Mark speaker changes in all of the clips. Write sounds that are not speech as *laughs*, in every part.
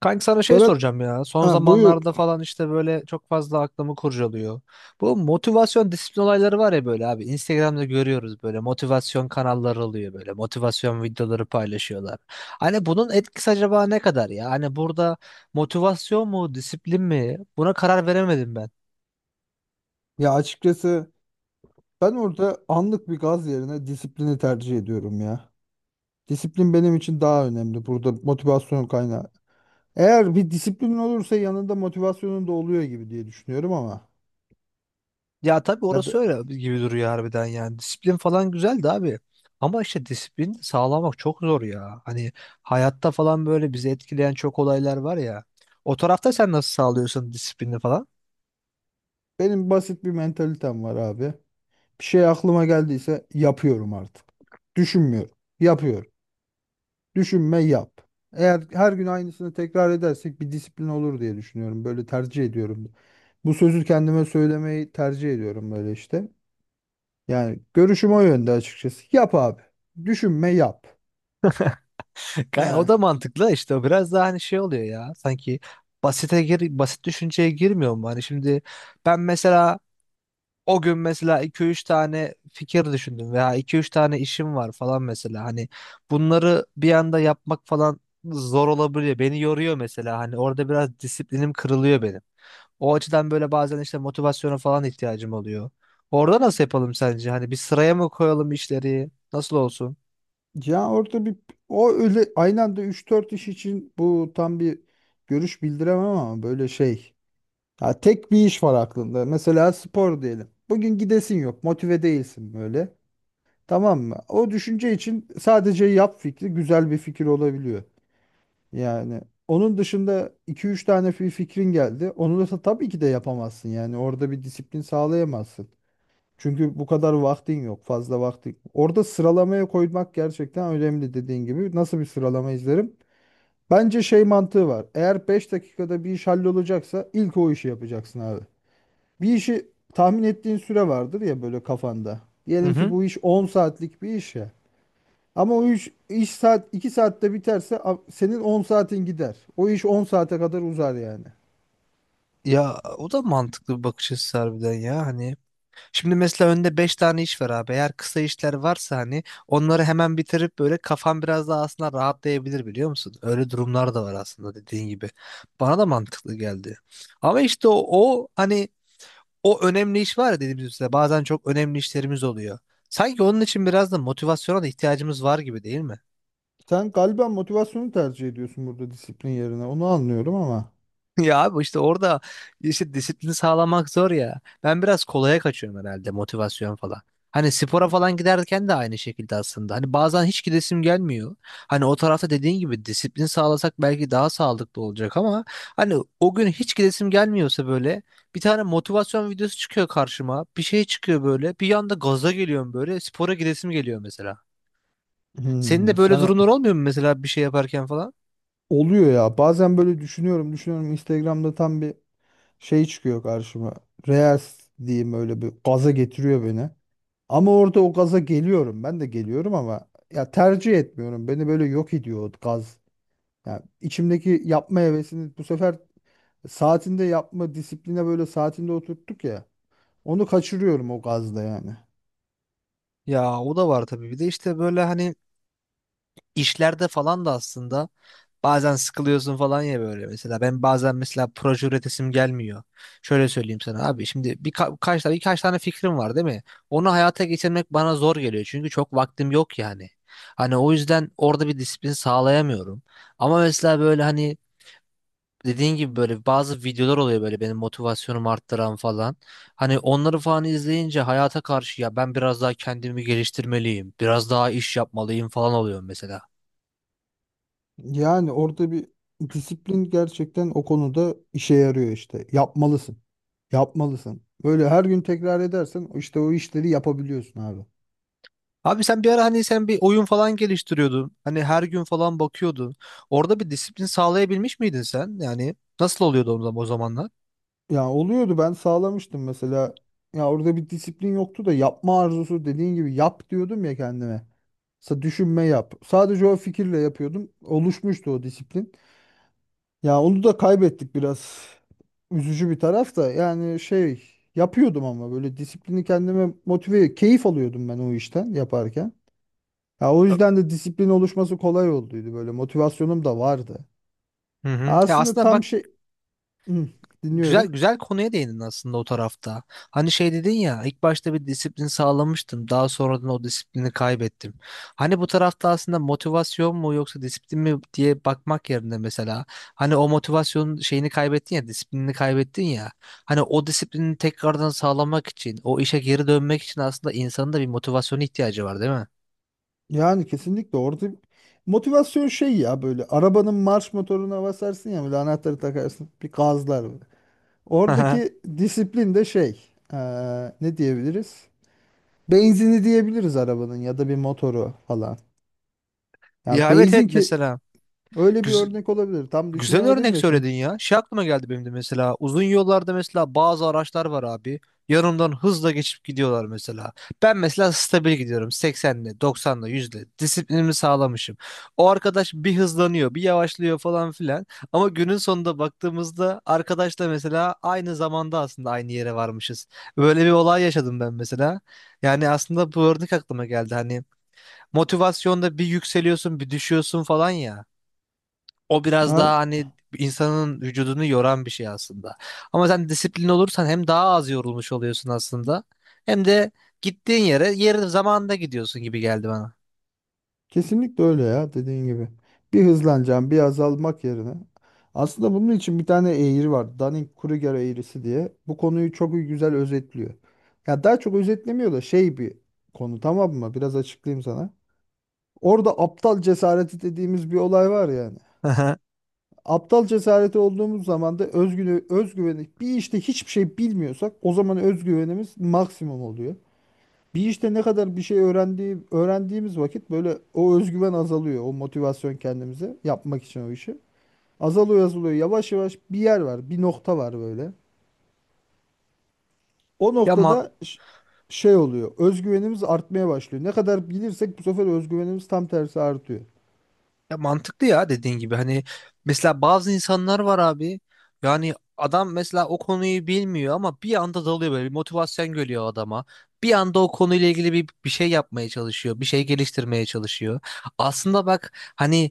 Speaker 1: Kanka sana şey
Speaker 2: Ferhat,
Speaker 1: soracağım ya. Son
Speaker 2: ha, buyur.
Speaker 1: zamanlarda falan işte böyle çok fazla aklımı kurcalıyor. Bu motivasyon disiplin olayları var ya böyle abi. Instagram'da görüyoruz böyle motivasyon kanalları oluyor böyle. Motivasyon videoları paylaşıyorlar. Hani bunun etkisi acaba ne kadar ya? Hani burada motivasyon mu disiplin mi? Buna karar veremedim ben.
Speaker 2: Ya açıkçası ben orada anlık bir gaz yerine disiplini tercih ediyorum ya. Disiplin benim için daha önemli. Burada motivasyon kaynağı. Eğer bir disiplin olursa yanında motivasyonun da oluyor gibi diye düşünüyorum ama.
Speaker 1: Ya tabii
Speaker 2: Ya
Speaker 1: orası
Speaker 2: da
Speaker 1: öyle gibi duruyor harbiden yani. Disiplin falan güzeldi abi. Ama işte disiplin sağlamak çok zor ya. Hani hayatta falan böyle bizi etkileyen çok olaylar var ya. O tarafta sen nasıl sağlıyorsun disiplini falan?
Speaker 2: benim basit bir mentalitem var abi. Bir şey aklıma geldiyse yapıyorum artık. Düşünmüyorum. Yapıyorum. Düşünme yap. Eğer her gün aynısını tekrar edersek bir disiplin olur diye düşünüyorum. Böyle tercih ediyorum. Bu sözü kendime söylemeyi tercih ediyorum böyle işte. Yani görüşüm o yönde açıkçası. Yap abi. Düşünme yap.
Speaker 1: *laughs* O da
Speaker 2: Ya
Speaker 1: mantıklı işte. O biraz daha hani şey oluyor ya. Sanki basite gir, basit düşünceye girmiyor mu? Hani şimdi ben mesela o gün mesela iki üç tane fikir düşündüm veya iki üç tane işim var falan mesela. Hani bunları bir anda yapmak falan zor olabiliyor. Beni yoruyor mesela. Hani orada biraz disiplinim kırılıyor benim. O açıdan böyle bazen işte motivasyona falan ihtiyacım oluyor. Orada nasıl yapalım sence? Hani bir sıraya mı koyalım işleri? Nasıl olsun?
Speaker 2: ya orada bir o öyle aynı anda üç dört iş için bu tam bir görüş bildiremem ama böyle şey. Ya tek bir iş var aklında. Mesela spor diyelim. Bugün gidesin yok, motive değilsin böyle. Tamam mı? O düşünce için sadece yap fikri güzel bir fikir olabiliyor. Yani onun dışında iki üç tane bir fikrin geldi. Onu da tabii ki de yapamazsın. Yani orada bir disiplin sağlayamazsın. Çünkü bu kadar vaktin yok, fazla vaktin. Orada sıralamaya koymak gerçekten önemli dediğin gibi. Nasıl bir sıralama izlerim? Bence şey mantığı var. Eğer 5 dakikada bir iş hallolacaksa ilk o işi yapacaksın abi. Bir işi tahmin ettiğin süre vardır ya böyle kafanda.
Speaker 1: Hı
Speaker 2: Diyelim ki
Speaker 1: hı.
Speaker 2: bu iş 10 saatlik bir iş ya. Ama o iş, iş saat 2 saatte biterse senin 10 saatin gider. O iş 10 saate kadar uzar yani.
Speaker 1: Ya o da mantıklı bir bakış açısı harbiden ya. Hani şimdi mesela önde 5 tane iş var abi. Eğer kısa işler varsa hani onları hemen bitirip böyle kafan biraz daha aslında rahatlayabilir biliyor musun? Öyle durumlar da var aslında dediğin gibi. Bana da mantıklı geldi. Ama işte o hani o önemli iş var ya dediğimiz üzere bazen çok önemli işlerimiz oluyor. Sanki onun için biraz da motivasyona da ihtiyacımız var gibi değil mi?
Speaker 2: Sen galiba motivasyonu tercih ediyorsun burada disiplin yerine. Onu anlıyorum ama.
Speaker 1: Ya abi işte orada işte disiplini sağlamak zor ya. Ben biraz kolaya kaçıyorum herhalde motivasyon falan. Hani spora falan giderken de aynı şekilde aslında. Hani bazen hiç gidesim gelmiyor. Hani o tarafta dediğin gibi disiplin sağlasak belki daha sağlıklı olacak ama hani o gün hiç gidesim gelmiyorsa böyle bir tane motivasyon videosu çıkıyor karşıma. Bir şey çıkıyor böyle. Bir anda gaza geliyorum böyle. Spora gidesim geliyor mesela. Senin
Speaker 2: Hmm,
Speaker 1: de böyle
Speaker 2: sen
Speaker 1: durumlar olmuyor mu mesela bir şey yaparken falan?
Speaker 2: oluyor ya. Bazen böyle düşünüyorum, düşünüyorum. Instagram'da tam bir şey çıkıyor karşıma. Reels diyeyim öyle bir gaza getiriyor beni. Ama orada o gaza geliyorum. Ben de geliyorum ama ya tercih etmiyorum. Beni böyle yok ediyor o gaz. Ya içimdeki yapma hevesini bu sefer saatinde yapma disipline böyle saatinde oturttuk ya. Onu kaçırıyorum o gazla yani.
Speaker 1: Ya o da var tabii. Bir de işte böyle hani işlerde falan da aslında bazen sıkılıyorsun falan ya böyle mesela. Ben bazen mesela proje üretesim gelmiyor. Şöyle söyleyeyim sana abi şimdi birka- kaç tane birkaç tane fikrim var değil mi? Onu hayata geçirmek bana zor geliyor çünkü çok vaktim yok yani. Hani o yüzden orada bir disiplin sağlayamıyorum. Ama mesela böyle hani dediğin gibi böyle bazı videolar oluyor böyle benim motivasyonumu arttıran falan. Hani onları falan izleyince hayata karşı ya ben biraz daha kendimi geliştirmeliyim, biraz daha iş yapmalıyım falan oluyorum mesela.
Speaker 2: Yani orada bir disiplin gerçekten o konuda işe yarıyor işte. Yapmalısın. Yapmalısın. Böyle her gün tekrar edersen işte o işleri yapabiliyorsun abi.
Speaker 1: Abi sen bir ara hani sen bir oyun falan geliştiriyordun. Hani her gün falan bakıyordun. Orada bir disiplin sağlayabilmiş miydin sen? Yani nasıl oluyordu o zamanlar?
Speaker 2: Ya oluyordu ben sağlamıştım mesela. Ya orada bir disiplin yoktu da yapma arzusu dediğin gibi yap diyordum ya kendime. Düşünme yap. Sadece o fikirle yapıyordum. Oluşmuştu o disiplin. Ya onu da kaybettik biraz. Üzücü bir taraf da yani şey yapıyordum ama böyle disiplini kendime motive, keyif alıyordum ben o işten yaparken. Ya o yüzden de disiplin oluşması kolay olduydu böyle motivasyonum da vardı.
Speaker 1: Hı hı. Ya
Speaker 2: Aslında
Speaker 1: aslında
Speaker 2: tam
Speaker 1: bak
Speaker 2: şey Hı,
Speaker 1: güzel
Speaker 2: dinliyorum.
Speaker 1: güzel konuya değindin aslında o tarafta. Hani şey dedin ya ilk başta bir disiplin sağlamıştım. Daha sonradan o disiplini kaybettim. Hani bu tarafta aslında motivasyon mu yoksa disiplin mi diye bakmak yerine mesela hani o motivasyonun şeyini kaybettin ya disiplinini kaybettin ya. Hani o disiplini tekrardan sağlamak için o işe geri dönmek için aslında insanın da bir motivasyona ihtiyacı var değil mi?
Speaker 2: Yani kesinlikle orada motivasyon şey ya böyle arabanın marş motoruna basarsın ya böyle anahtarı takarsın bir gazlar böyle. Oradaki
Speaker 1: *laughs*
Speaker 2: disiplin de şey ne diyebiliriz? Benzini diyebiliriz arabanın ya da bir motoru falan. Ya
Speaker 1: Ya evet evet
Speaker 2: benzin ki
Speaker 1: mesela
Speaker 2: öyle bir
Speaker 1: güz-
Speaker 2: örnek olabilir. Tam
Speaker 1: güzel
Speaker 2: düşünemedim
Speaker 1: örnek
Speaker 2: de şimdi.
Speaker 1: söyledin ya. Şey aklıma geldi benim de mesela. Uzun yollarda mesela bazı araçlar var abi. Yanımdan hızla geçip gidiyorlar mesela. Ben mesela stabil gidiyorum. 80'le, 90'la, 100'le. Disiplinimi sağlamışım. O arkadaş bir hızlanıyor, bir yavaşlıyor falan filan. Ama günün sonunda baktığımızda arkadaşla mesela aynı zamanda aslında aynı yere varmışız. Böyle bir olay yaşadım ben mesela. Yani aslında bu örnek aklıma geldi. Hani motivasyonda bir yükseliyorsun, bir düşüyorsun falan ya. O biraz
Speaker 2: Ay.
Speaker 1: daha hani insanın vücudunu yoran bir şey aslında. Ama sen disiplin olursan hem daha az yorulmuş oluyorsun aslında hem de gittiğin yere yeri zamanında gidiyorsun gibi geldi bana.
Speaker 2: Kesinlikle öyle ya dediğin gibi. Bir hızlanacağım, bir azalmak yerine. Aslında bunun için bir tane eğri var. Dunning-Kruger eğrisi diye. Bu konuyu çok güzel özetliyor. Ya daha çok özetlemiyor da şey bir konu tamam mı? Biraz açıklayayım sana. Orada aptal cesareti dediğimiz bir olay var yani.
Speaker 1: *laughs*
Speaker 2: Aptal cesareti olduğumuz zaman da özgüveni bir işte hiçbir şey bilmiyorsak o zaman özgüvenimiz maksimum oluyor. Bir işte ne kadar bir şey öğrendiğimiz vakit böyle o özgüven azalıyor. O motivasyon kendimize yapmak için o işi. Azalıyor azalıyor. Yavaş yavaş bir yer var. Bir nokta var böyle. O
Speaker 1: Ya ma-
Speaker 2: noktada şey oluyor. Özgüvenimiz artmaya başlıyor. Ne kadar bilirsek bu sefer özgüvenimiz tam tersi artıyor.
Speaker 1: Ya mantıklı ya dediğin gibi hani mesela bazı insanlar var abi yani adam mesela o konuyu bilmiyor ama bir anda dalıyor böyle bir motivasyon geliyor adama. Bir anda o konuyla ilgili bir şey yapmaya çalışıyor, bir şey geliştirmeye çalışıyor. Aslında bak hani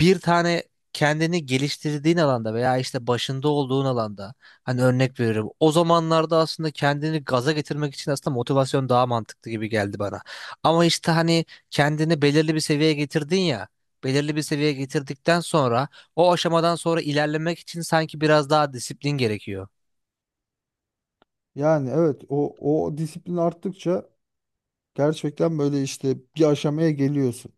Speaker 1: bir tane kendini geliştirdiğin alanda veya işte başında olduğun alanda hani örnek veriyorum. O zamanlarda aslında kendini gaza getirmek için aslında motivasyon daha mantıklı gibi geldi bana. Ama işte hani kendini belirli bir seviyeye getirdin ya belirli bir seviyeye getirdikten sonra o aşamadan sonra ilerlemek için sanki biraz daha disiplin gerekiyor.
Speaker 2: Yani evet o disiplin arttıkça gerçekten böyle işte bir aşamaya geliyorsun.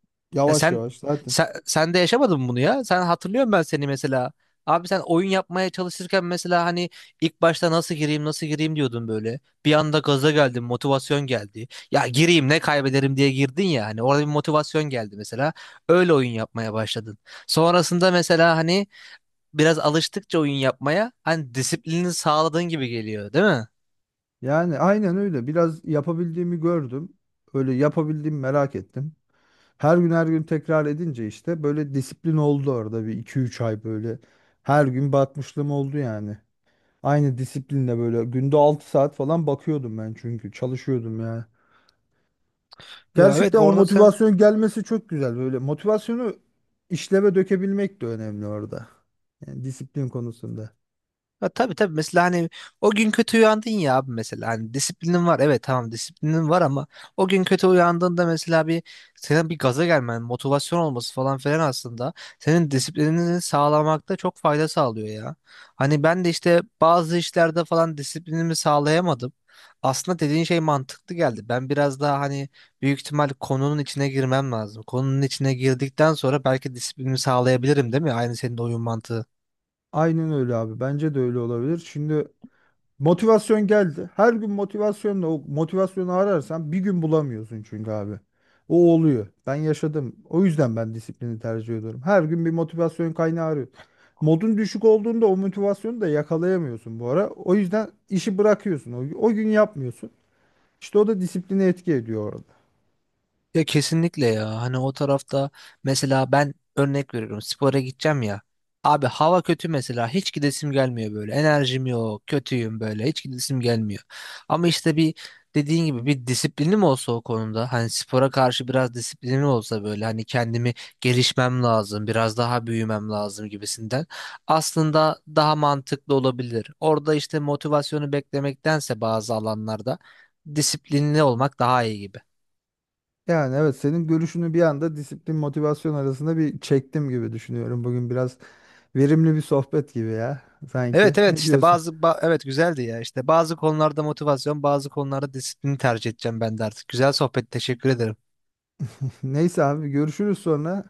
Speaker 1: E
Speaker 2: Yavaş
Speaker 1: sen,
Speaker 2: yavaş zaten.
Speaker 1: sen de yaşamadın mı bunu ya? Sen hatırlıyorum ben seni mesela. Abi sen oyun yapmaya çalışırken mesela hani ilk başta nasıl gireyim nasıl gireyim diyordun böyle. Bir anda gaza geldin, motivasyon geldi. Ya gireyim ne kaybederim diye girdin ya hani orada bir motivasyon geldi mesela. Öyle oyun yapmaya başladın. Sonrasında mesela hani biraz alıştıkça oyun yapmaya hani disiplini sağladığın gibi geliyor, değil mi?
Speaker 2: Yani aynen öyle. Biraz yapabildiğimi gördüm. Öyle yapabildiğimi merak ettim. Her gün her gün tekrar edince işte böyle disiplin oldu orada bir iki üç ay böyle. Her gün bakmışlığım oldu yani. Aynı disiplinle böyle günde 6 saat falan bakıyordum ben çünkü çalışıyordum ya.
Speaker 1: Ya evet
Speaker 2: Gerçekten o
Speaker 1: orada sen
Speaker 2: motivasyon gelmesi çok güzel böyle. Motivasyonu işleve dökebilmek de önemli orada. Yani disiplin konusunda.
Speaker 1: ha, tabii tabii mesela hani o gün kötü uyandın ya abi mesela hani disiplinin var evet tamam disiplinin var ama o gün kötü uyandığında mesela bir senin bir gaza gelmen motivasyon olması falan filan aslında senin disiplinini sağlamakta çok fayda sağlıyor ya. Hani ben de işte bazı işlerde falan disiplinimi sağlayamadım. Aslında dediğin şey mantıklı geldi. Ben biraz daha hani büyük ihtimal konunun içine girmem lazım. Konunun içine girdikten sonra belki disiplinimi sağlayabilirim değil mi? Aynı senin oyun mantığı.
Speaker 2: Aynen öyle abi. Bence de öyle olabilir. Şimdi motivasyon geldi. Her gün motivasyonla o motivasyonu ararsan bir gün bulamıyorsun çünkü abi. O oluyor. Ben yaşadım. O yüzden ben disiplini tercih ediyorum. Her gün bir motivasyon kaynağı arıyorum. Modun düşük olduğunda o motivasyonu da yakalayamıyorsun bu ara. O yüzden işi bırakıyorsun. O gün yapmıyorsun. İşte o da disipline etki ediyor orada.
Speaker 1: Ya kesinlikle ya. Hani o tarafta mesela ben örnek veriyorum. Spora gideceğim ya. Abi hava kötü mesela. Hiç gidesim gelmiyor böyle. Enerjim yok. Kötüyüm böyle. Hiç gidesim gelmiyor. Ama işte bir dediğin gibi bir disiplinim olsa o konuda. Hani spora karşı biraz disiplinim olsa böyle. Hani kendimi gelişmem lazım. Biraz daha büyümem lazım gibisinden. Aslında daha mantıklı olabilir. Orada işte motivasyonu beklemektense bazı alanlarda disiplinli olmak daha iyi gibi.
Speaker 2: Yani evet senin görüşünü bir anda disiplin motivasyon arasında bir çektim gibi düşünüyorum. Bugün biraz verimli bir sohbet gibi ya sanki.
Speaker 1: Evet evet
Speaker 2: Ne
Speaker 1: işte
Speaker 2: diyorsun?
Speaker 1: evet güzeldi ya işte bazı konularda motivasyon bazı konularda disiplini tercih edeceğim ben de artık. Güzel sohbet teşekkür ederim.
Speaker 2: *laughs* Neyse abi görüşürüz sonra.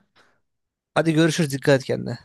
Speaker 1: Hadi görüşürüz dikkat et kendine.